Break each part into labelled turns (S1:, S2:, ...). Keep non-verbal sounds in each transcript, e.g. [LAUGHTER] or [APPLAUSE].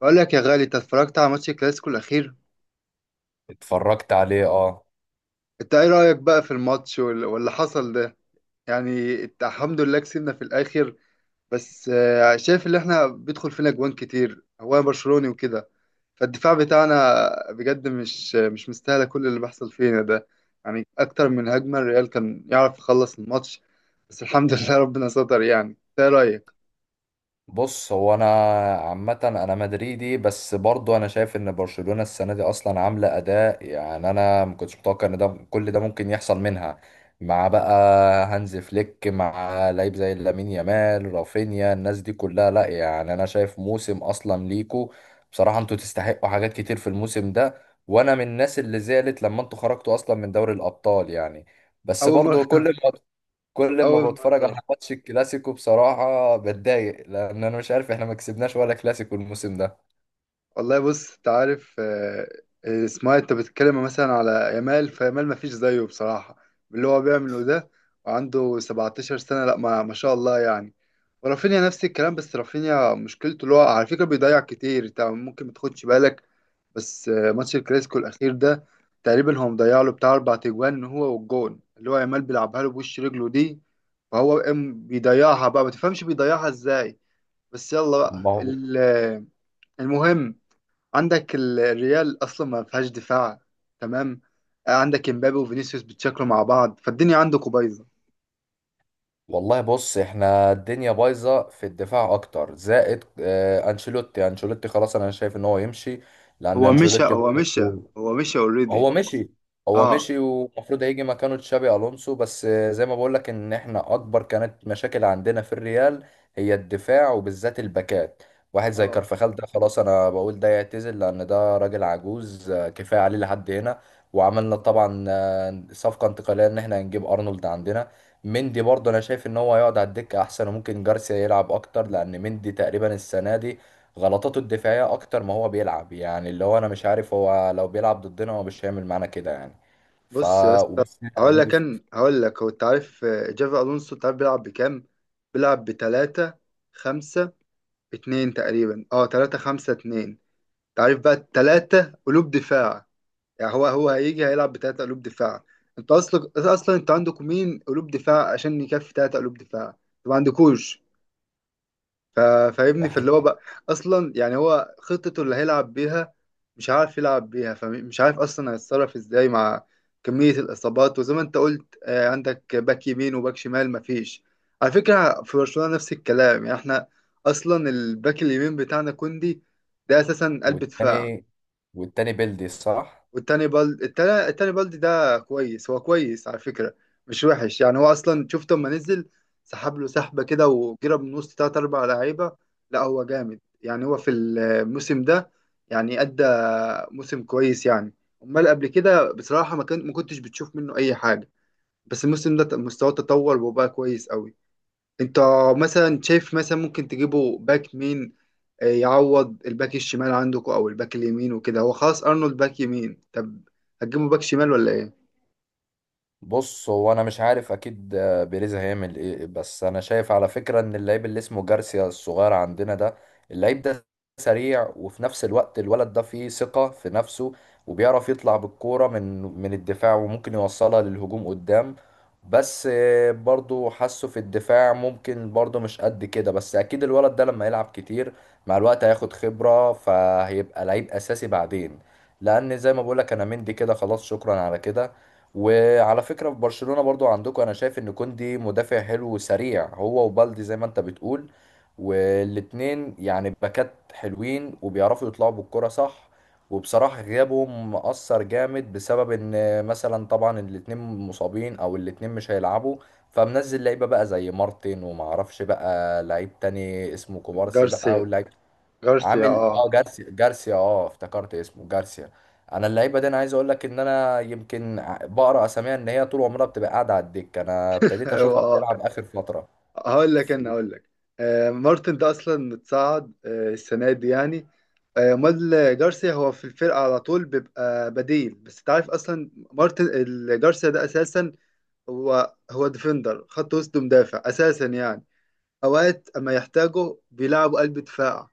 S1: بقول لك يا غالي، انت اتفرجت على ماتش الكلاسيكو الاخير؟
S2: اتفرجت عليه اه.
S1: انت ايه رايك بقى في الماتش واللي حصل ده؟ يعني انت الحمد لله كسبنا في الاخر. بس شايف ان احنا بيدخل فينا جوان كتير، هو انا برشلوني وكده. فالدفاع بتاعنا بجد مش مستاهله كل اللي بيحصل فينا ده. يعني اكتر من هجمه الريال كان يعرف يخلص الماتش، بس الحمد [LAUGHS] لله ربنا ستر. يعني انت ايه رايك؟
S2: بص، هو انا عامة انا مدريدي، بس برضو انا شايف ان برشلونة السنة دي اصلا عاملة اداء، يعني انا ما كنتش متوقع ان ده كل ده ممكن يحصل منها مع بقى هانز فليك، مع لعيب زي لامين يامال، رافينيا، الناس دي كلها. لا يعني انا شايف موسم اصلا ليكو بصراحة، انتوا تستحقوا حاجات كتير في الموسم ده. وانا من الناس اللي زعلت لما انتوا خرجتوا اصلا من دوري الابطال يعني. بس
S1: اول
S2: برضو كل
S1: مره.
S2: ما
S1: [LAUGHS]
S2: كل
S1: اول
S2: ما بتفرج
S1: مره
S2: على ماتش الكلاسيكو بصراحة بتضايق، لأن أنا مش عارف إحنا ما كسبناش ولا كلاسيكو الموسم ده.
S1: والله. بص، انت عارف اسمها، انت بتتكلم مثلا على يامال، فيامال ما فيش زيه بصراحة باللي هو بيعمله ده، وعنده 17 سنة، لا ما شاء الله يعني. ورافينيا نفس الكلام، بس رافينيا مشكلته اللي هو على فكرة بيضيع كتير، انت ممكن ما تاخدش بالك. بس ماتش الكلاسيكو الأخير ده تقريبا هو مضيع له بتاع أربع تجوان، هو والجون اللي هو يامال بيلعبها له بوش رجله دي، فهو قام بيضيعها بقى، ما تفهمش بيضيعها ازاي. بس يلا بقى
S2: ما هو
S1: المهم، عندك الريال اصلا ما فيهاش دفاع، تمام؟ عندك امبابي وفينيسيوس بيتشكلوا مع بعض، فالدنيا عندكم بايظه.
S2: والله بص، إحنا الدنيا بايظة في الدفاع أكتر، زائد أنشيلوتي. خلاص أنا شايف إن هو يمشي، لأن
S1: هو مشى
S2: أنشيلوتي
S1: هو مشى هو مشى
S2: هو
S1: اوريدي.
S2: مشي. هو
S1: اه،
S2: مشي، ومفروض هيجي مكانه تشابي الونسو. بس زي ما بقول لك ان احنا اكبر كانت مشاكل عندنا في الريال هي الدفاع، وبالذات الباكات. واحد زي
S1: اه.
S2: كارفخال ده خلاص، انا بقول ده يعتزل لان ده راجل عجوز، كفايه عليه لحد هنا. وعملنا طبعا صفقه انتقاليه ان احنا هنجيب ارنولد عندنا. مندي برضه انا شايف ان هو هيقعد على الدكه احسن، وممكن جارسيا يلعب اكتر، لان مندي تقريبا السنه دي غلطاته الدفاعية أكتر ما هو بيلعب، يعني اللي هو أنا مش عارف هو لو بيلعب ضدنا هو مش هيعمل معانا كده يعني. ف
S1: بص يا اسطى،
S2: وبس إن-
S1: هقول لك، هو انت عارف جافي الونسو، انت عارف بيلعب بكام؟ بيلعب ب 3 5 2 تقريبا، اه 3 5 2. انت عارف بقى الثلاثه قلوب دفاع، يعني هو هيجي هيلعب بثلاثة قلوب دفاع. انت اصلا انت عندك مين قلوب دفاع عشان يكفي ثلاثة قلوب دفاع؟ انت ما عندكوش. ف- فاهمني؟ فاللي هو
S2: إحنا-
S1: بقى اصلا، يعني هو خطته اللي هيلعب بيها مش عارف يلعب بيها، فمش عارف اصلا هيتصرف ازاي مع كمية الاصابات. وزي ما انت قلت عندك باك يمين وباك شمال مفيش. على فكرة في برشلونة نفس الكلام، يعني احنا اصلا الباك اليمين بتاعنا كوندي، ده اساسا قلب دفاع.
S2: والتاني، والتاني بيلدي صح؟
S1: والتاني بلد، التاني بلد ده كويس، هو كويس على فكرة، مش وحش. يعني هو أصلا شفت لما نزل سحب له سحبة كده وجرب من وسط تلات أربع لعيبة، لا هو جامد. يعني هو في الموسم ده يعني أدى موسم كويس يعني. أمال قبل كده بصراحة ما كنتش بتشوف منه أي حاجة، بس الموسم ده مستواه تطور وبقى كويس قوي. أنت مثلا شايف مثلا ممكن تجيبه باك مين يعوض الباك الشمال عندكم او الباك اليمين وكده؟ هو خلاص ارنولد باك يمين، طب هتجيبوا باك شمال ولا ايه؟
S2: بص هو انا مش عارف اكيد بيريز هيعمل ايه، بس انا شايف على فكره ان اللعيب اللي اسمه جارسيا الصغير عندنا ده، اللعيب ده سريع، وفي نفس الوقت الولد ده فيه ثقه في نفسه، وبيعرف يطلع بالكوره من الدفاع وممكن يوصلها للهجوم قدام. بس برضو حاسه في الدفاع ممكن برضو مش قد كده، بس اكيد الولد ده لما يلعب كتير مع الوقت هياخد خبره، فهيبقى لعيب اساسي بعدين، لان زي ما بقولك انا مندي كده خلاص، شكرا على كده. وعلى فكرة في برشلونة برضو عندكم، انا شايف ان كوندي مدافع حلو وسريع، هو وبالدي زي ما انت بتقول، والاتنين يعني باكات حلوين وبيعرفوا يطلعوا بالكرة صح. وبصراحة غيابهم مأثر جامد، بسبب ان مثلا طبعا الاتنين مصابين او الاتنين مش هيلعبوا، فمنزل لعيبة بقى زي مارتن، ومعرفش بقى لعيب تاني اسمه كوبارسي بقى،
S1: جارسيا،
S2: واللعيب
S1: جارسيا،
S2: عامل
S1: اه.
S2: اه جارسيا اه افتكرت اسمه جارسيا. انا اللعيبه دي انا عايز اقول لك ان انا يمكن بقرا اساميها ان هي طول عمرها بتبقى قاعده على الدكه، انا
S1: [LAUGHS]
S2: ابتديت
S1: هو
S2: اشوفها
S1: اه.
S2: بتلعب اخر فتره.
S1: هقول لك، آه، مارتن ده اصلا متصعد آه السنه دي يعني. آه، امال جارسيا هو في الفرقه على طول بيبقى بديل، بس انت عارف اصلا جارسيا ده اساسا هو ديفندر خط وسط، مدافع اساسا يعني. اوقات اما يحتاجه بيلعبوا قلب دفاع،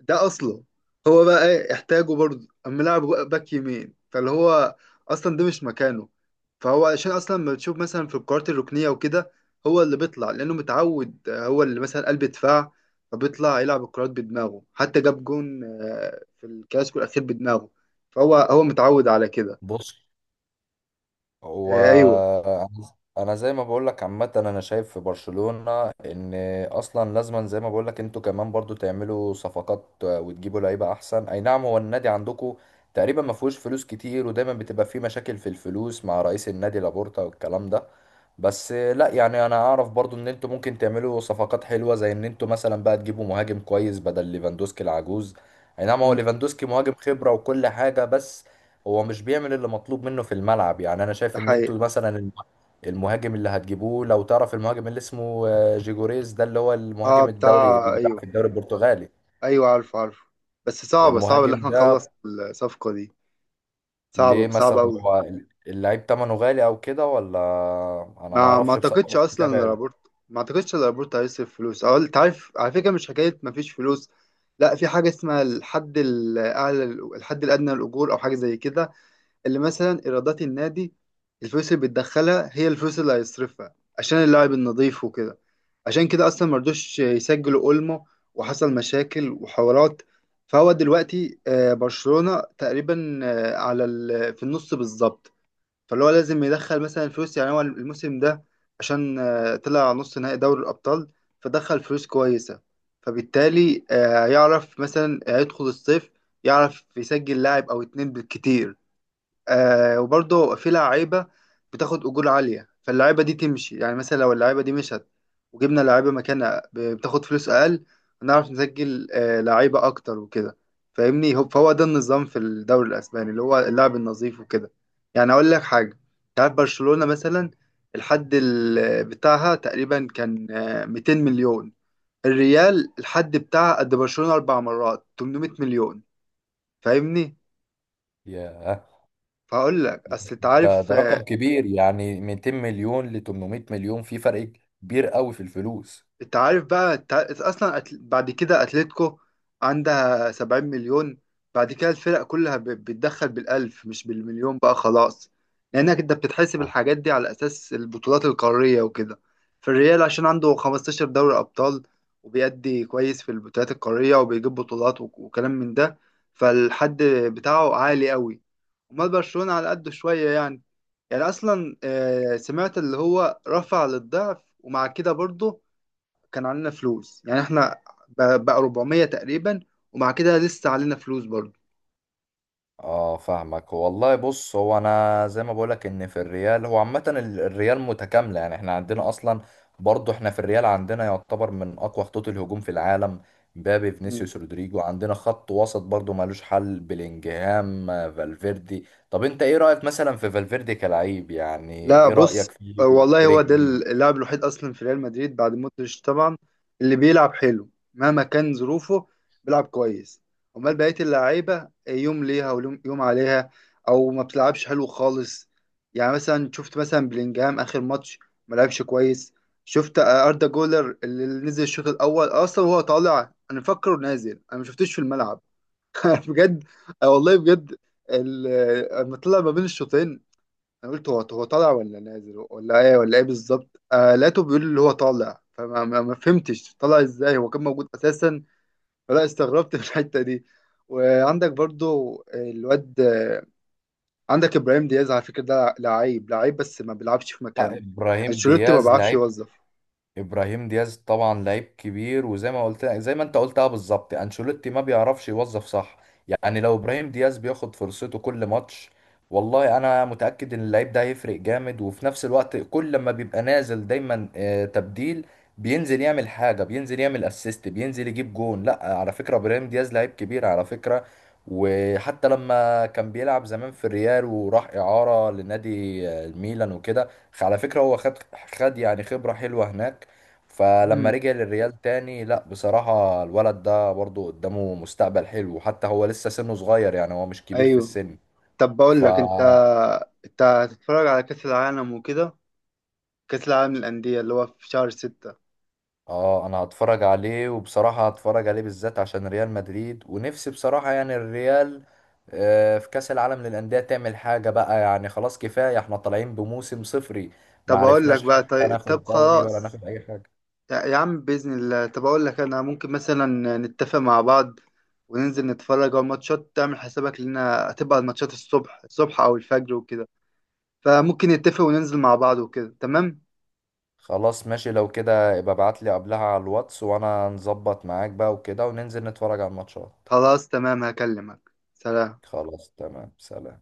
S1: ده اصله. هو بقى ايه احتاجه برضه اما لاعب باك يمين، فاللي هو اصلا ده مش مكانه. فهو عشان اصلا ما بتشوف مثلا في الكرات الركنيه وكده هو اللي بيطلع، لانه متعود هو اللي مثلا قلب دفاع، فبيطلع يلعب الكرات بدماغه. حتى جاب جون في الكلاسيكو الاخير بدماغه، فهو هو متعود على كده.
S2: بص
S1: ايوه.
S2: وانا انا زي ما بقول لك عامه، انا شايف في برشلونه ان اصلا لازما زي ما بقول لك انتوا كمان برضو تعملوا صفقات، وتجيبوا لعيبه احسن. اي نعم هو النادي عندكم تقريبا ما فيهوش فلوس كتير، ودايما بتبقى فيه مشاكل في الفلوس مع رئيس النادي لابورتا والكلام ده. بس لا يعني انا اعرف برضو ان انتوا ممكن تعملوا صفقات حلوه، زي ان انتوا مثلا بقى تجيبوا مهاجم كويس بدل ليفاندوسكي العجوز. اي نعم هو
S1: مم،
S2: ليفاندوسكي مهاجم خبره وكل حاجه، بس هو مش بيعمل اللي مطلوب منه في الملعب. يعني انا
S1: ده
S2: شايف ان
S1: حقيقي.
S2: انتوا مثلا المهاجم اللي هتجيبوه، لو تعرف المهاجم اللي اسمه جيجوريز ده، اللي هو
S1: اه
S2: المهاجم
S1: بتاع،
S2: الدوري اللي بيلعب
S1: ايوه،
S2: في الدوري البرتغالي.
S1: ايوه عارفه عارفه، بس صعبه صعبه اللي
S2: المهاجم
S1: احنا نخلص
S2: ده
S1: الصفقه دي، صعبه
S2: ليه
S1: صعبه
S2: مثلا
S1: قوي.
S2: هو اللعيب تمنه غالي او كده، ولا انا ما
S1: ما
S2: اعرفش بصراحة،
S1: اعتقدش
S2: مش
S1: اصلا
S2: متابع.
S1: الرابورت، ما اعتقدش الرابورت هيصرف فلوس. او انت عارف على فكره، مش حكايه ما فيش فلوس، لا في حاجه اسمها الحد الاعلى، الحد الادنى للاجور او حاجه زي كده، اللي مثلا ايرادات النادي الفلوس اللي بتدخلها هي الفلوس اللي هيصرفها عشان اللاعب النظيف وكده. عشان كده اصلا مرضوش يسجلوا اولمو وحصل مشاكل وحوارات. فهو دلوقتي برشلونه تقريبا في النص بالظبط، فاللي هو لازم يدخل مثلا فلوس يعني. هو الموسم ده عشان طلع نص نهائي دوري الأبطال فدخل فلوس كويسة، فبالتالي يعرف مثلا يدخل الصيف يعرف يسجل لاعب أو اتنين بالكتير. آه، وبرضه في لعيبة بتاخد أجور عالية، فاللعيبة دي تمشي. يعني مثلا لو اللعيبة دي مشت وجبنا لعيبة مكانها بتاخد فلوس أقل، هنعرف نسجل آه لعيبة أكتر وكده. فاهمني؟ فهو ده النظام في الدوري الأسباني، اللي هو اللعب النظيف وكده. يعني أقول لك حاجة، تعرف برشلونة مثلا الحد بتاعها تقريبا كان 200 مليون، الريال الحد بتاعها قد برشلونة أربع مرات، 800 مليون، فاهمني؟
S2: ياه،
S1: فهقول لك اصل انت
S2: ده
S1: عارف،
S2: ده رقم كبير يعني 200 مليون ل 800 مليون، في فرق كبير قوي في الفلوس.
S1: انت عارف بقى، انت عارف اصلا بعد كده اتلتيكو عندها 70 مليون، بعد كده الفرق كلها بتدخل بالالف مش بالمليون بقى خلاص، لانك انت بتتحسب الحاجات دي على اساس البطولات القارية وكده. فالريال عشان عنده 15 دوري ابطال وبيأدي كويس في البطولات القارية وبيجيب بطولات وكلام من ده، فالحد بتاعه عالي قوي. امال برشلونة على قده شوية يعني. يعني اصلا سمعت اللي هو رفع للضعف، ومع كده برضه كان علينا فلوس، يعني احنا بقى 400 تقريبا، ومع كده لسه علينا فلوس برضه.
S2: اه فاهمك والله. بص هو انا زي ما بقولك ان في الريال هو عامة الريال متكاملة، يعني احنا عندنا اصلا برضو، احنا في الريال عندنا يعتبر من اقوى خطوط الهجوم في العالم، مبابي
S1: مم.
S2: فينيسيوس رودريجو. عندنا خط وسط برضو مالوش حل، بلينجهام، فالفيردي. طب انت ايه رأيك مثلا في فالفيردي كلعيب؟ يعني
S1: لا
S2: ايه
S1: بص،
S2: رأيك فيه؟
S1: والله هو ده
S2: برجله.
S1: اللاعب الوحيد اصلا في ريال مدريد بعد مودريتش طبعا اللي بيلعب حلو مهما كان ظروفه، بيلعب كويس. امال بقيه اللعيبه يوم ليها ويوم عليها، او ما بتلعبش حلو خالص. يعني مثلا شفت مثلا بلينجهام اخر ماتش ما لعبش كويس. شفت اردا جولر اللي نزل الشوط الاول؟ اصلا وهو طالع انا مفكره نازل، انا ما شفتوش في الملعب [LAUGHS] بجد. آه والله بجد. ال- لما طلع ما بين الشوطين انا قلت هو هو طالع ولا نازل ولا ايه ولا ايه بالظبط، آه لقيته بيقول اللي هو طالع، فما ما ما فهمتش طالع ازاي، هو كان موجود اساسا، فلا استغربت [LAUGHS] في الحته دي. وعندك برضو الواد آه، عندك ابراهيم دياز، على فكره ده لعيب لعيب، بس ما بيلعبش في
S2: لا،
S1: مكانه،
S2: ابراهيم
S1: انشيلوتي ما
S2: دياز
S1: بيعرفش
S2: لعيب.
S1: يوظف.
S2: ابراهيم دياز طبعا لعيب كبير، وزي ما قلت زي ما انت قلتها بالظبط، انشيلوتي ما بيعرفش يوظف صح. يعني لو ابراهيم دياز بياخد فرصته كل ماتش، والله انا متأكد ان اللعيب ده هيفرق جامد. وفي نفس الوقت كل ما بيبقى نازل دايما تبديل، بينزل يعمل حاجة، بينزل يعمل اسيست، بينزل يجيب جون. لا على فكرة ابراهيم دياز لعيب كبير على فكرة. وحتى لما كان بيلعب زمان في الريال وراح إعارة لنادي الميلان وكده، على فكرة هو خد يعني خبرة حلوة هناك. فلما
S1: مم.
S2: رجع للريال تاني، لا بصراحة الولد ده برضو قدامه مستقبل حلو، وحتى هو لسه سنه صغير، يعني هو مش كبير في
S1: ايوه.
S2: السن.
S1: طب بقول
S2: ف
S1: لك انت، انت هتتفرج على كاس العالم وكده، كاس العالم للانديه اللي هو في شهر ستة؟
S2: اه انا هتفرج عليه، وبصراحة هتفرج عليه بالذات عشان ريال مدريد، ونفسي بصراحة يعني الريال في كأس العالم للأندية تعمل حاجة بقى. يعني خلاص كفاية، احنا طالعين بموسم صفري، ما
S1: طب اقول لك
S2: عرفناش
S1: بقى،
S2: حتى
S1: طيب، طب
S2: ناخد دوري ولا
S1: خلاص،
S2: ناخد أي حاجة.
S1: يا يا عم باذن الله. طب اقول لك انا، ممكن مثلا نتفق مع بعض وننزل نتفرج على الماتشات. تعمل حسابك، لنا هتبقى الماتشات الصبح الصبح او الفجر وكده، فممكن نتفق وننزل مع بعض وكده، تمام؟
S2: خلاص ماشي، لو كده ابقى ابعت لي قبلها على الواتس، وانا نظبط معاك بقى وكده، وننزل نتفرج على الماتشات.
S1: خلاص تمام، هكلمك، سلام.
S2: خلاص تمام، سلام.